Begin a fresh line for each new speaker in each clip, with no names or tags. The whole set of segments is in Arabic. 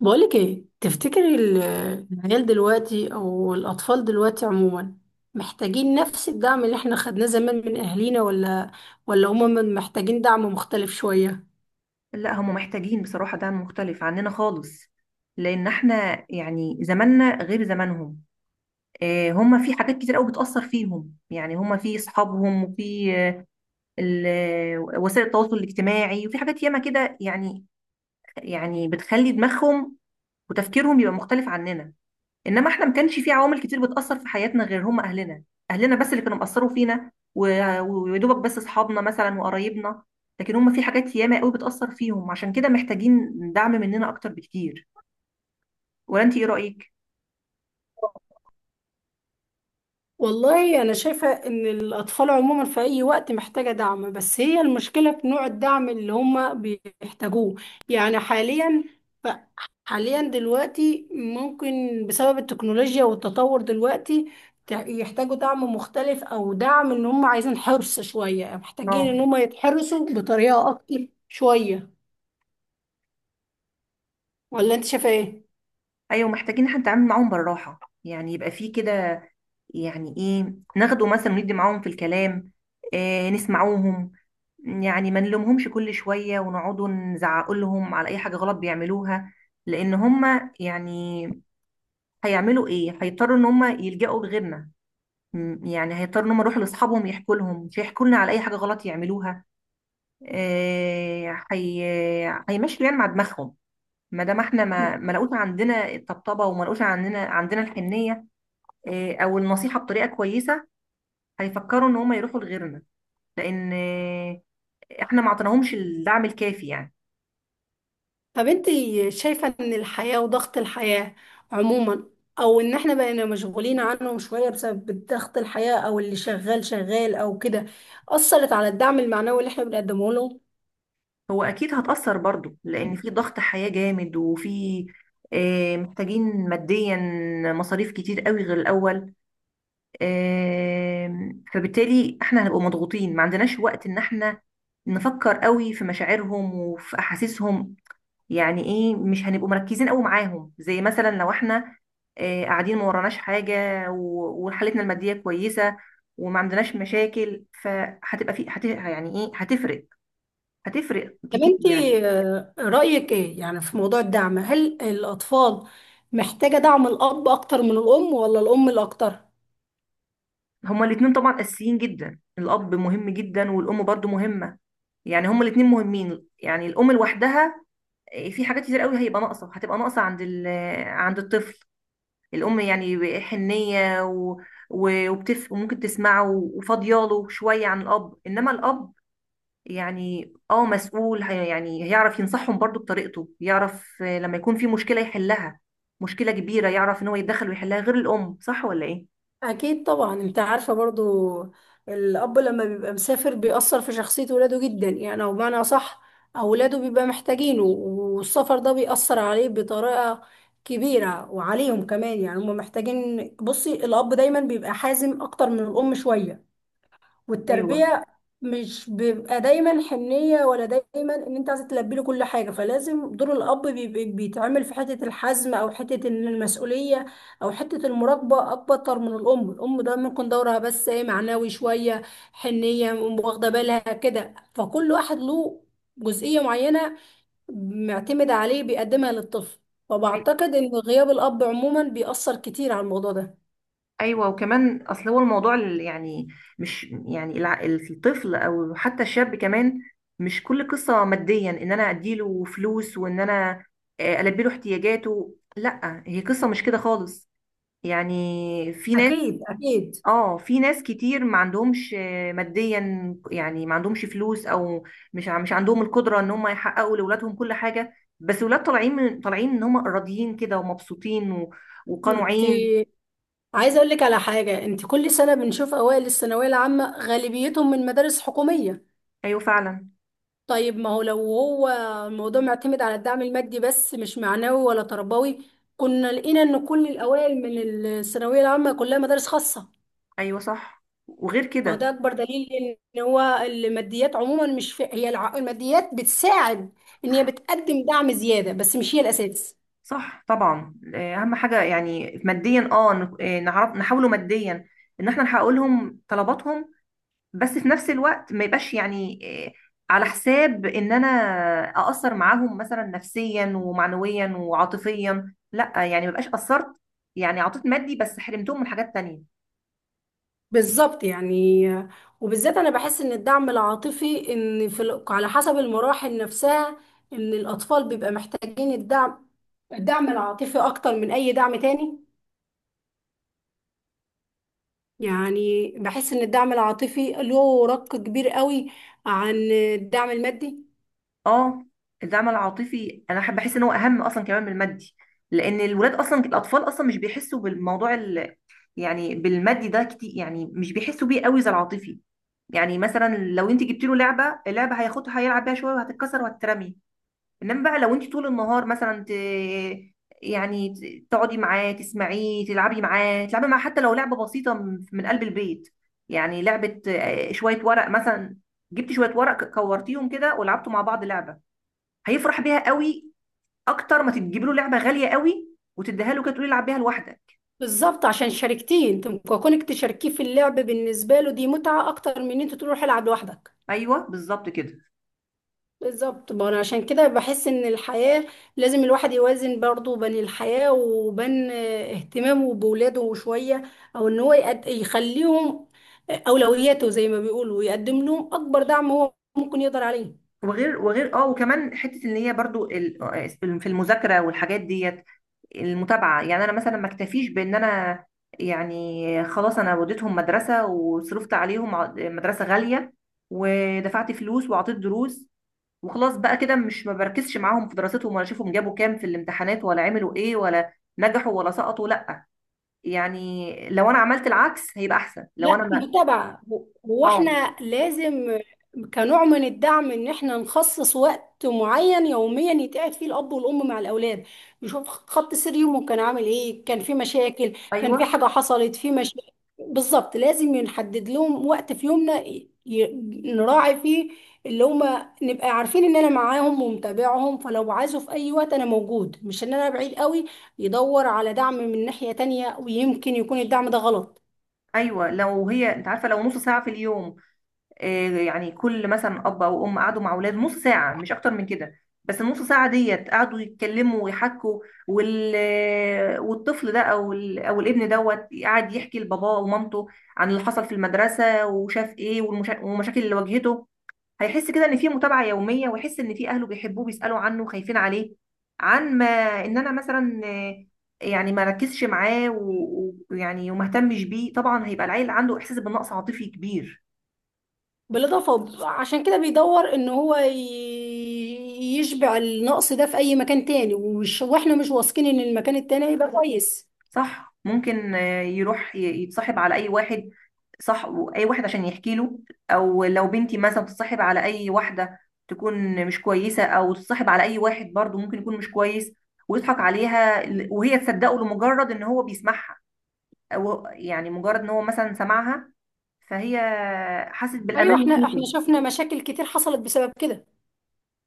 بقولك ايه تفتكري العيال دلوقتي او الاطفال دلوقتي عموما محتاجين نفس الدعم اللي احنا خدناه زمان من اهالينا، ولا هما محتاجين دعم مختلف شوية.
لا، هم محتاجين بصراحة دعم مختلف عننا خالص، لأن احنا يعني زماننا غير زمانهم. هم في حاجات كتير قوي بتأثر فيهم، يعني هم في أصحابهم وفي وسائل التواصل الاجتماعي وفي حاجات ياما كده يعني، يعني بتخلي دماغهم وتفكيرهم يبقى مختلف عننا. انما احنا ما كانش في عوامل كتير بتاثر في حياتنا غير هم اهلنا، اهلنا بس اللي كانوا مأثروا فينا ويا دوبك بس اصحابنا مثلا وقرايبنا. لكن هم في حاجات ياما قوي بتاثر فيهم، عشان كده محتاجين دعم مننا اكتر بكتير. ولا انت ايه رايك؟
والله أنا شايفة إن الأطفال عموما في أي وقت محتاجة دعم، بس هي المشكلة في نوع الدعم اللي هما بيحتاجوه، يعني حاليا ف- حاليا دلوقتي ممكن بسبب التكنولوجيا والتطور دلوقتي يحتاجوا دعم مختلف أو دعم إن هما عايزين حرص شوية، محتاجين
اه،
إن هما يتحرصوا بطريقة أكتر شوية. ولا أنت شايفة إيه؟
ايوه محتاجين احنا نتعامل معاهم بالراحه، يعني يبقى في كده، يعني ايه، ناخده مثلا وندي معاهم في الكلام، إيه، نسمعوهم. يعني ما نلومهمش كل شويه ونقعدوا نزعق لهم على اي حاجه غلط بيعملوها، لان هم يعني هيعملوا ايه، هيضطروا ان هم يلجأوا لغيرنا. يعني هيضطروا ان هم يروحوا لاصحابهم يحكوا لهم، مش هيحكوا لنا على اي حاجه غلط يعملوها. هي هيمشوا يعني مع دماغهم، ما دام احنا ما لقوش عندنا الطبطبه وما لقوش عندنا الحنيه، او النصيحه بطريقه كويسه، هيفكروا ان هم يروحوا لغيرنا، لان احنا ما عطيناهمش الدعم الكافي يعني.
طب انت شايفة ان الحياة وضغط الحياة عموما، او ان احنا بقينا مشغولين عنهم شوية بسبب ضغط الحياة، او اللي شغال شغال او كده، اثرت على الدعم المعنوي اللي احنا بنقدمه لهم.
هو اكيد هتأثر برضو، لان في ضغط حياه جامد وفي محتاجين ماديا مصاريف كتير قوي غير الاول. فبالتالي احنا هنبقى مضغوطين، ما عندناش وقت ان احنا نفكر قوي في مشاعرهم وفي احاسيسهم. يعني ايه، مش هنبقوا مركزين قوي معاهم، زي مثلا لو احنا قاعدين ما وراناش حاجة وحالتنا المادية كويسة وما عندناش مشاكل، فهتبقى في يعني ايه، هتفرق، هتفرق
طب
كتير
انت،
يعني.
رأيك ايه يعني في موضوع الدعم؟ هل الاطفال محتاجة دعم الاب اكتر من الام، ولا الام الاكتر؟
هما الاتنين طبعا اساسيين جدا، الاب مهم جدا والام برضو مهمة. يعني هما الاتنين مهمين، يعني الام لوحدها في حاجات كتير قوي هيبقى ناقصه، هتبقى ناقصه عند عند الطفل. الام يعني حنيه وممكن تسمعه وفاضياله شويه عن الاب، انما الاب يعني اه مسؤول، يعني هيعرف ينصحهم برضو بطريقته، يعرف لما يكون في مشكله يحلها، مشكله كبيره يعرف ان هو يتدخل ويحلها غير الام. صح ولا ايه؟
اكيد طبعا. انت عارفه برضو الاب لما بيبقى مسافر بيأثر في شخصيه ولاده جدا، يعني او بمعنى صح اولاده بيبقى محتاجينه، والسفر ده بيأثر عليه بطريقه كبيره، وعليهم كمان يعني هم محتاجين. بصي، الاب دايما بيبقى حازم اكتر من الام شويه
ايوه.
والتربية، مش بيبقى دايما حنية ولا دايما ان انت عايزة تلبي له كل حاجة، فلازم دور الاب بيتعمل في حتة الحزم، او حتة ان المسؤولية، او حتة المراقبة اكتر من الام. الام ده ممكن دورها بس ايه؟ معنوي شوية، حنية، واخدة بالها كده. فكل واحد له جزئية معينة معتمد عليه بيقدمها للطفل. فبعتقد ان غياب الاب عموما بيأثر كتير على الموضوع ده.
ايوه وكمان اصل هو الموضوع اللي يعني مش يعني الطفل او حتى الشاب كمان، مش كل قصه ماديا ان انا اديله فلوس وان انا البيله احتياجاته، لا هي قصه مش كده خالص. يعني في ناس،
اكيد اكيد.
اه في ناس كتير ما عندهمش ماديا، يعني ما عندهمش فلوس او مش مش عندهم القدره ان هم يحققوا لاولادهم كل حاجه، بس ولاد طالعين من طالعين ان هم راضيين كده ومبسوطين
انت
وقنوعين.
عايزه اقول لك على حاجه، انت كل سنه بنشوف اوائل الثانويه العامه غالبيتهم من مدارس حكوميه.
ايوه فعلا.
طيب، ما هو لو هو الموضوع معتمد على الدعم المادي بس مش معنوي ولا تربوي، كنا لقينا ان كل الاوائل من الثانويه العامه كلها مدارس خاصه.
ايوه صح وغير
فهو ده
كده.
اكبر دليل ان هو الماديات عموما مش في، هي الماديات بتساعد ان هي بتقدم دعم زياده، بس مش هي الاساس.
صح طبعا، اهم حاجه يعني ماديا، اه نعرف نحاوله ماديا ان احنا نحقق لهم طلباتهم، بس في نفس الوقت ما يبقاش يعني آه، على حساب ان انا اقصر معاهم مثلا نفسيا ومعنويا وعاطفيا، لا يعني ما يبقاش قصرت، يعني عطيت مادي بس حرمتهم من حاجات تانية.
بالظبط يعني. وبالذات انا بحس ان الدعم العاطفي، ان في على حسب المراحل نفسها، ان الاطفال بيبقى محتاجين الدعم العاطفي اكتر من اي دعم تاني. يعني بحس ان الدعم العاطفي له رق كبير قوي عن الدعم المادي.
اه. الدعم العاطفي انا بحس ان هو اهم اصلا كمان من المادي، لان الولاد اصلا، الاطفال اصلا مش بيحسوا بالموضوع يعني بالمادي ده كتير، يعني مش بيحسوا بيه قوي زي العاطفي. يعني مثلا لو انت جبت له لعبه، اللعبه هياخدها هيلعب بيها شويه وهتتكسر وهتترمي. انما بقى لو انت طول النهار مثلا يعني تقعدي معاه تسمعيه تلعبي معاه تلعبي معاه، حتى لو لعبه بسيطه من قلب البيت، يعني لعبه شويه ورق مثلا. جبتي شويه ورق كورتيهم كده ولعبتوا مع بعض لعبه، هيفرح بيها قوي اكتر ما تجيب له لعبه غاليه قوي وتديها له كده تقولي العب بيها لوحدك.
بالظبط، عشان شاركتيه انت. كونك تشاركيه في اللعب بالنسبه له دي متعه اكتر من ان انت تروح العب لوحدك.
ايوه بالظبط كده.
بالظبط، ما انا عشان كده بحس ان الحياة لازم الواحد يوازن برضه بين الحياة وبين اهتمامه بولاده شوية، او ان هو يخليهم اولوياته زي ما بيقولوا، ويقدم لهم اكبر دعم هو ممكن يقدر عليه.
وغير اه وكمان حته ان هي برضو في المذاكره والحاجات ديت، المتابعه، يعني انا مثلا ما اكتفيش بان انا يعني خلاص انا وديتهم مدرسه وصرفت عليهم مدرسه غاليه ودفعت فلوس وعطيت دروس، وخلاص بقى كده، مش ما بركزش معاهم في دراستهم ولا اشوفهم جابوا كام في الامتحانات ولا عملوا ايه ولا نجحوا ولا سقطوا، لا. يعني لو انا عملت العكس هيبقى احسن، لو
لا،
انا ما.
متابعة. هو
اه.
احنا لازم كنوع من الدعم ان احنا نخصص وقت معين يوميا يتقعد فيه الاب والام مع الاولاد، يشوف خط سير يومه كان عامل ايه، كان في مشاكل، كان في
ايوه،
حاجة حصلت، في مشاكل. بالظبط لازم نحدد لهم وقت في يومنا نراعي فيه اللي هما، نبقى عارفين ان انا معاهم ومتابعهم، فلو عايزه في اي وقت انا موجود مش ان انا بعيد قوي يدور على دعم من ناحية تانية، ويمكن يكون الدعم ده غلط.
ايوه لو هي انت عارفه لو نص ساعه في اليوم، يعني كل مثلا اب او ام قعدوا مع اولاد نص ساعه مش اكتر من كده، بس النص ساعه ديت قعدوا يتكلموا ويحكوا، والطفل ده او او الابن دوت قعد يحكي لباباه ومامته عن اللي حصل في المدرسه وشاف ايه، والمشاكل اللي واجهته، هيحس كده ان في متابعه يوميه ويحس ان في اهله بيحبوه بيسالوا عنه خايفين عليه. عن ما ان انا مثلا يعني ما ركزش معاه ويعني ويعني وما اهتمش بيه، طبعا هيبقى العيل عنده احساس بالنقص عاطفي كبير.
بالإضافة، عشان كده بيدور إن هو يشبع النقص ده في أي مكان تاني، ومش وإحنا مش واثقين إن المكان التاني هيبقى كويس.
صح، ممكن يروح يتصاحب على اي واحد. صح. اي واحد عشان يحكي له، او لو بنتي مثلا تتصاحب على اي واحده تكون مش كويسه، او تتصاحب على اي واحد برضو ممكن يكون مش كويس ويضحك عليها، وهي تصدقه لمجرد ان هو بيسمعها، او يعني مجرد ان هو مثلا سمعها، فهي حست
أيوة،
بالامان
إحنا
ناحيته.
شفنا مشاكل كتير حصلت بسبب كده.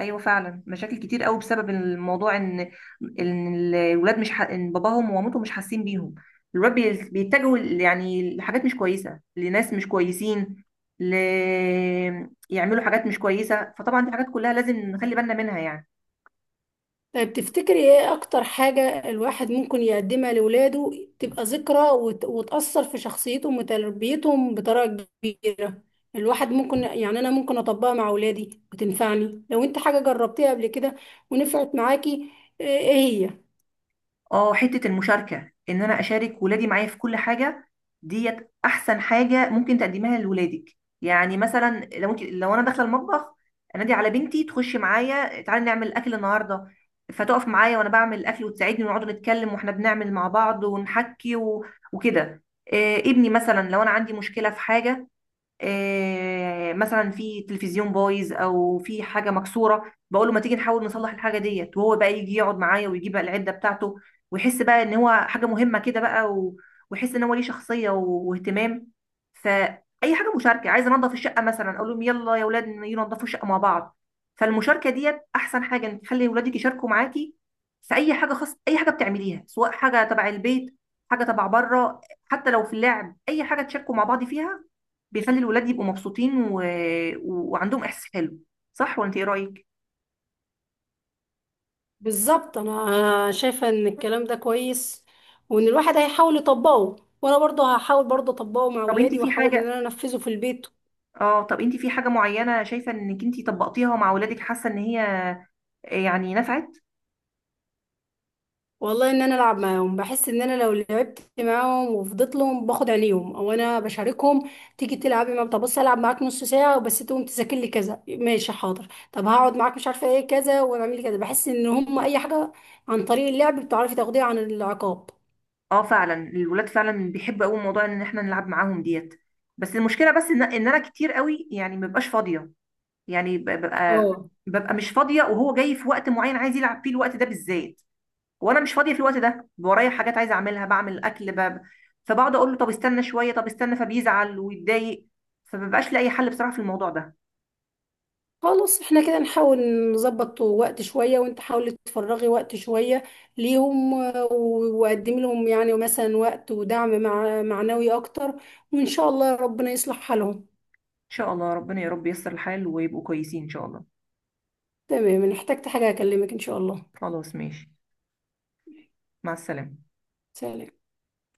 ايوه فعلا مشاكل كتير قوي بسبب الموضوع، ان ان الولاد مش ان باباهم ومامتهم مش حاسين بيهم، الولاد بيتجهوا يعني لحاجات مش كويسه، لناس مش كويسين، ل... يعملوا حاجات مش كويسه، فطبعا دي حاجات كلها لازم نخلي بالنا منها يعني.
طيب تفتكري إيه أكتر حاجة الواحد ممكن يقدمها لولاده تبقى ذكرى وتأثر في شخصيتهم وتربيتهم بطريقة كبيرة؟ الواحد ممكن يعني أنا ممكن أطبقها مع ولادي وتنفعني، لو أنت حاجة جربتيها قبل كده ونفعت معاكي. إيه هي؟
اه، حتة المشاركة ان انا اشارك ولادي معايا في كل حاجة، ديت احسن حاجة ممكن تقدمها لولادك. يعني مثلا لو انت لو انا داخلة المطبخ، انادي على بنتي تخش معايا، تعالي نعمل اكل النهاردة، فتقف معايا وانا بعمل الاكل وتساعدني ونقعد نتكلم واحنا بنعمل مع بعض ونحكي وكده. إيه ابني مثلا لو انا عندي مشكلة في حاجة، مثلا في تلفزيون بايظ او في حاجه مكسوره، بقول له ما تيجي نحاول نصلح الحاجه ديت، وهو بقى يجي يقعد معايا ويجيب بقى العده بتاعته، ويحس بقى ان هو حاجه مهمه كده بقى ويحس ان هو ليه شخصيه واهتمام. فاي حاجه مشاركه، عايز انضف الشقه مثلا اقول لهم يلا يا اولاد ينضفوا الشقه مع بعض. فالمشاركه ديت احسن حاجه انك تخلي اولادك يشاركوا معاكي في اي حاجه، خاصه اي حاجه بتعمليها سواء حاجه تبع البيت حاجه تبع بره، حتى لو في اللعب اي حاجه تشاركوا مع بعض فيها، بيخلي الولاد يبقوا مبسوطين وعندهم احساس حلو. صح ولا انت ايه رايك؟
بالظبط، انا شايفه ان الكلام ده كويس، وان الواحد هيحاول يطبقه، وانا برضه هحاول برضه اطبقه مع
طب انت
اولادي،
في
واحاول ان
حاجه،
انا انفذه في البيت.
اه طب انت في حاجه معينه شايفه انك انت طبقتيها مع ولادك حاسه ان هي يعني نفعت؟
والله ان انا العب معاهم بحس ان انا لو لعبت معاهم وفضلت لهم، باخد عليهم او انا بشاركهم. تيجي تلعبي معاهم؟ طب بص العب معاك نص ساعه وبس، تقوم تذاكر لي كذا، ماشي حاضر. طب هقعد معاك مش عارفه ايه كذا، واعمل لي كذا. بحس ان هم اي حاجه عن طريق اللعب بتعرفي تاخديها عن العقاب.
اه فعلا الولاد فعلا بيحبوا قوي موضوع ان احنا نلعب معاهم ديت، بس المشكله بس إن انا كتير قوي يعني ما ببقاش فاضيه، يعني ببقى،
اه.
ببقى مش فاضيه وهو جاي في وقت معين عايز يلعب فيه الوقت ده بالذات وانا مش فاضيه في الوقت ده، ورايا حاجات عايزه اعملها بعمل اكل باب، فبقعد اقول له طب استنى شويه طب استنى، فبيزعل ويتضايق، فمبقاش لاقي حل بصراحه في الموضوع ده. ان
خلاص، احنا كده نحاول نظبط وقت شوية، وانت حاولي تفرغي وقت شوية ليهم وقدمي لهم يعني مثلا وقت ودعم مع معنوي اكتر، وان شاء الله ربنا يصلح حالهم.
شاء الله ربنا، يا رب ييسر الحال ويبقوا كويسين ان شاء الله.
تمام، ان احتجت حاجة اكلمك ان شاء الله.
خلاص ماشي. مع السلامه.
سلام.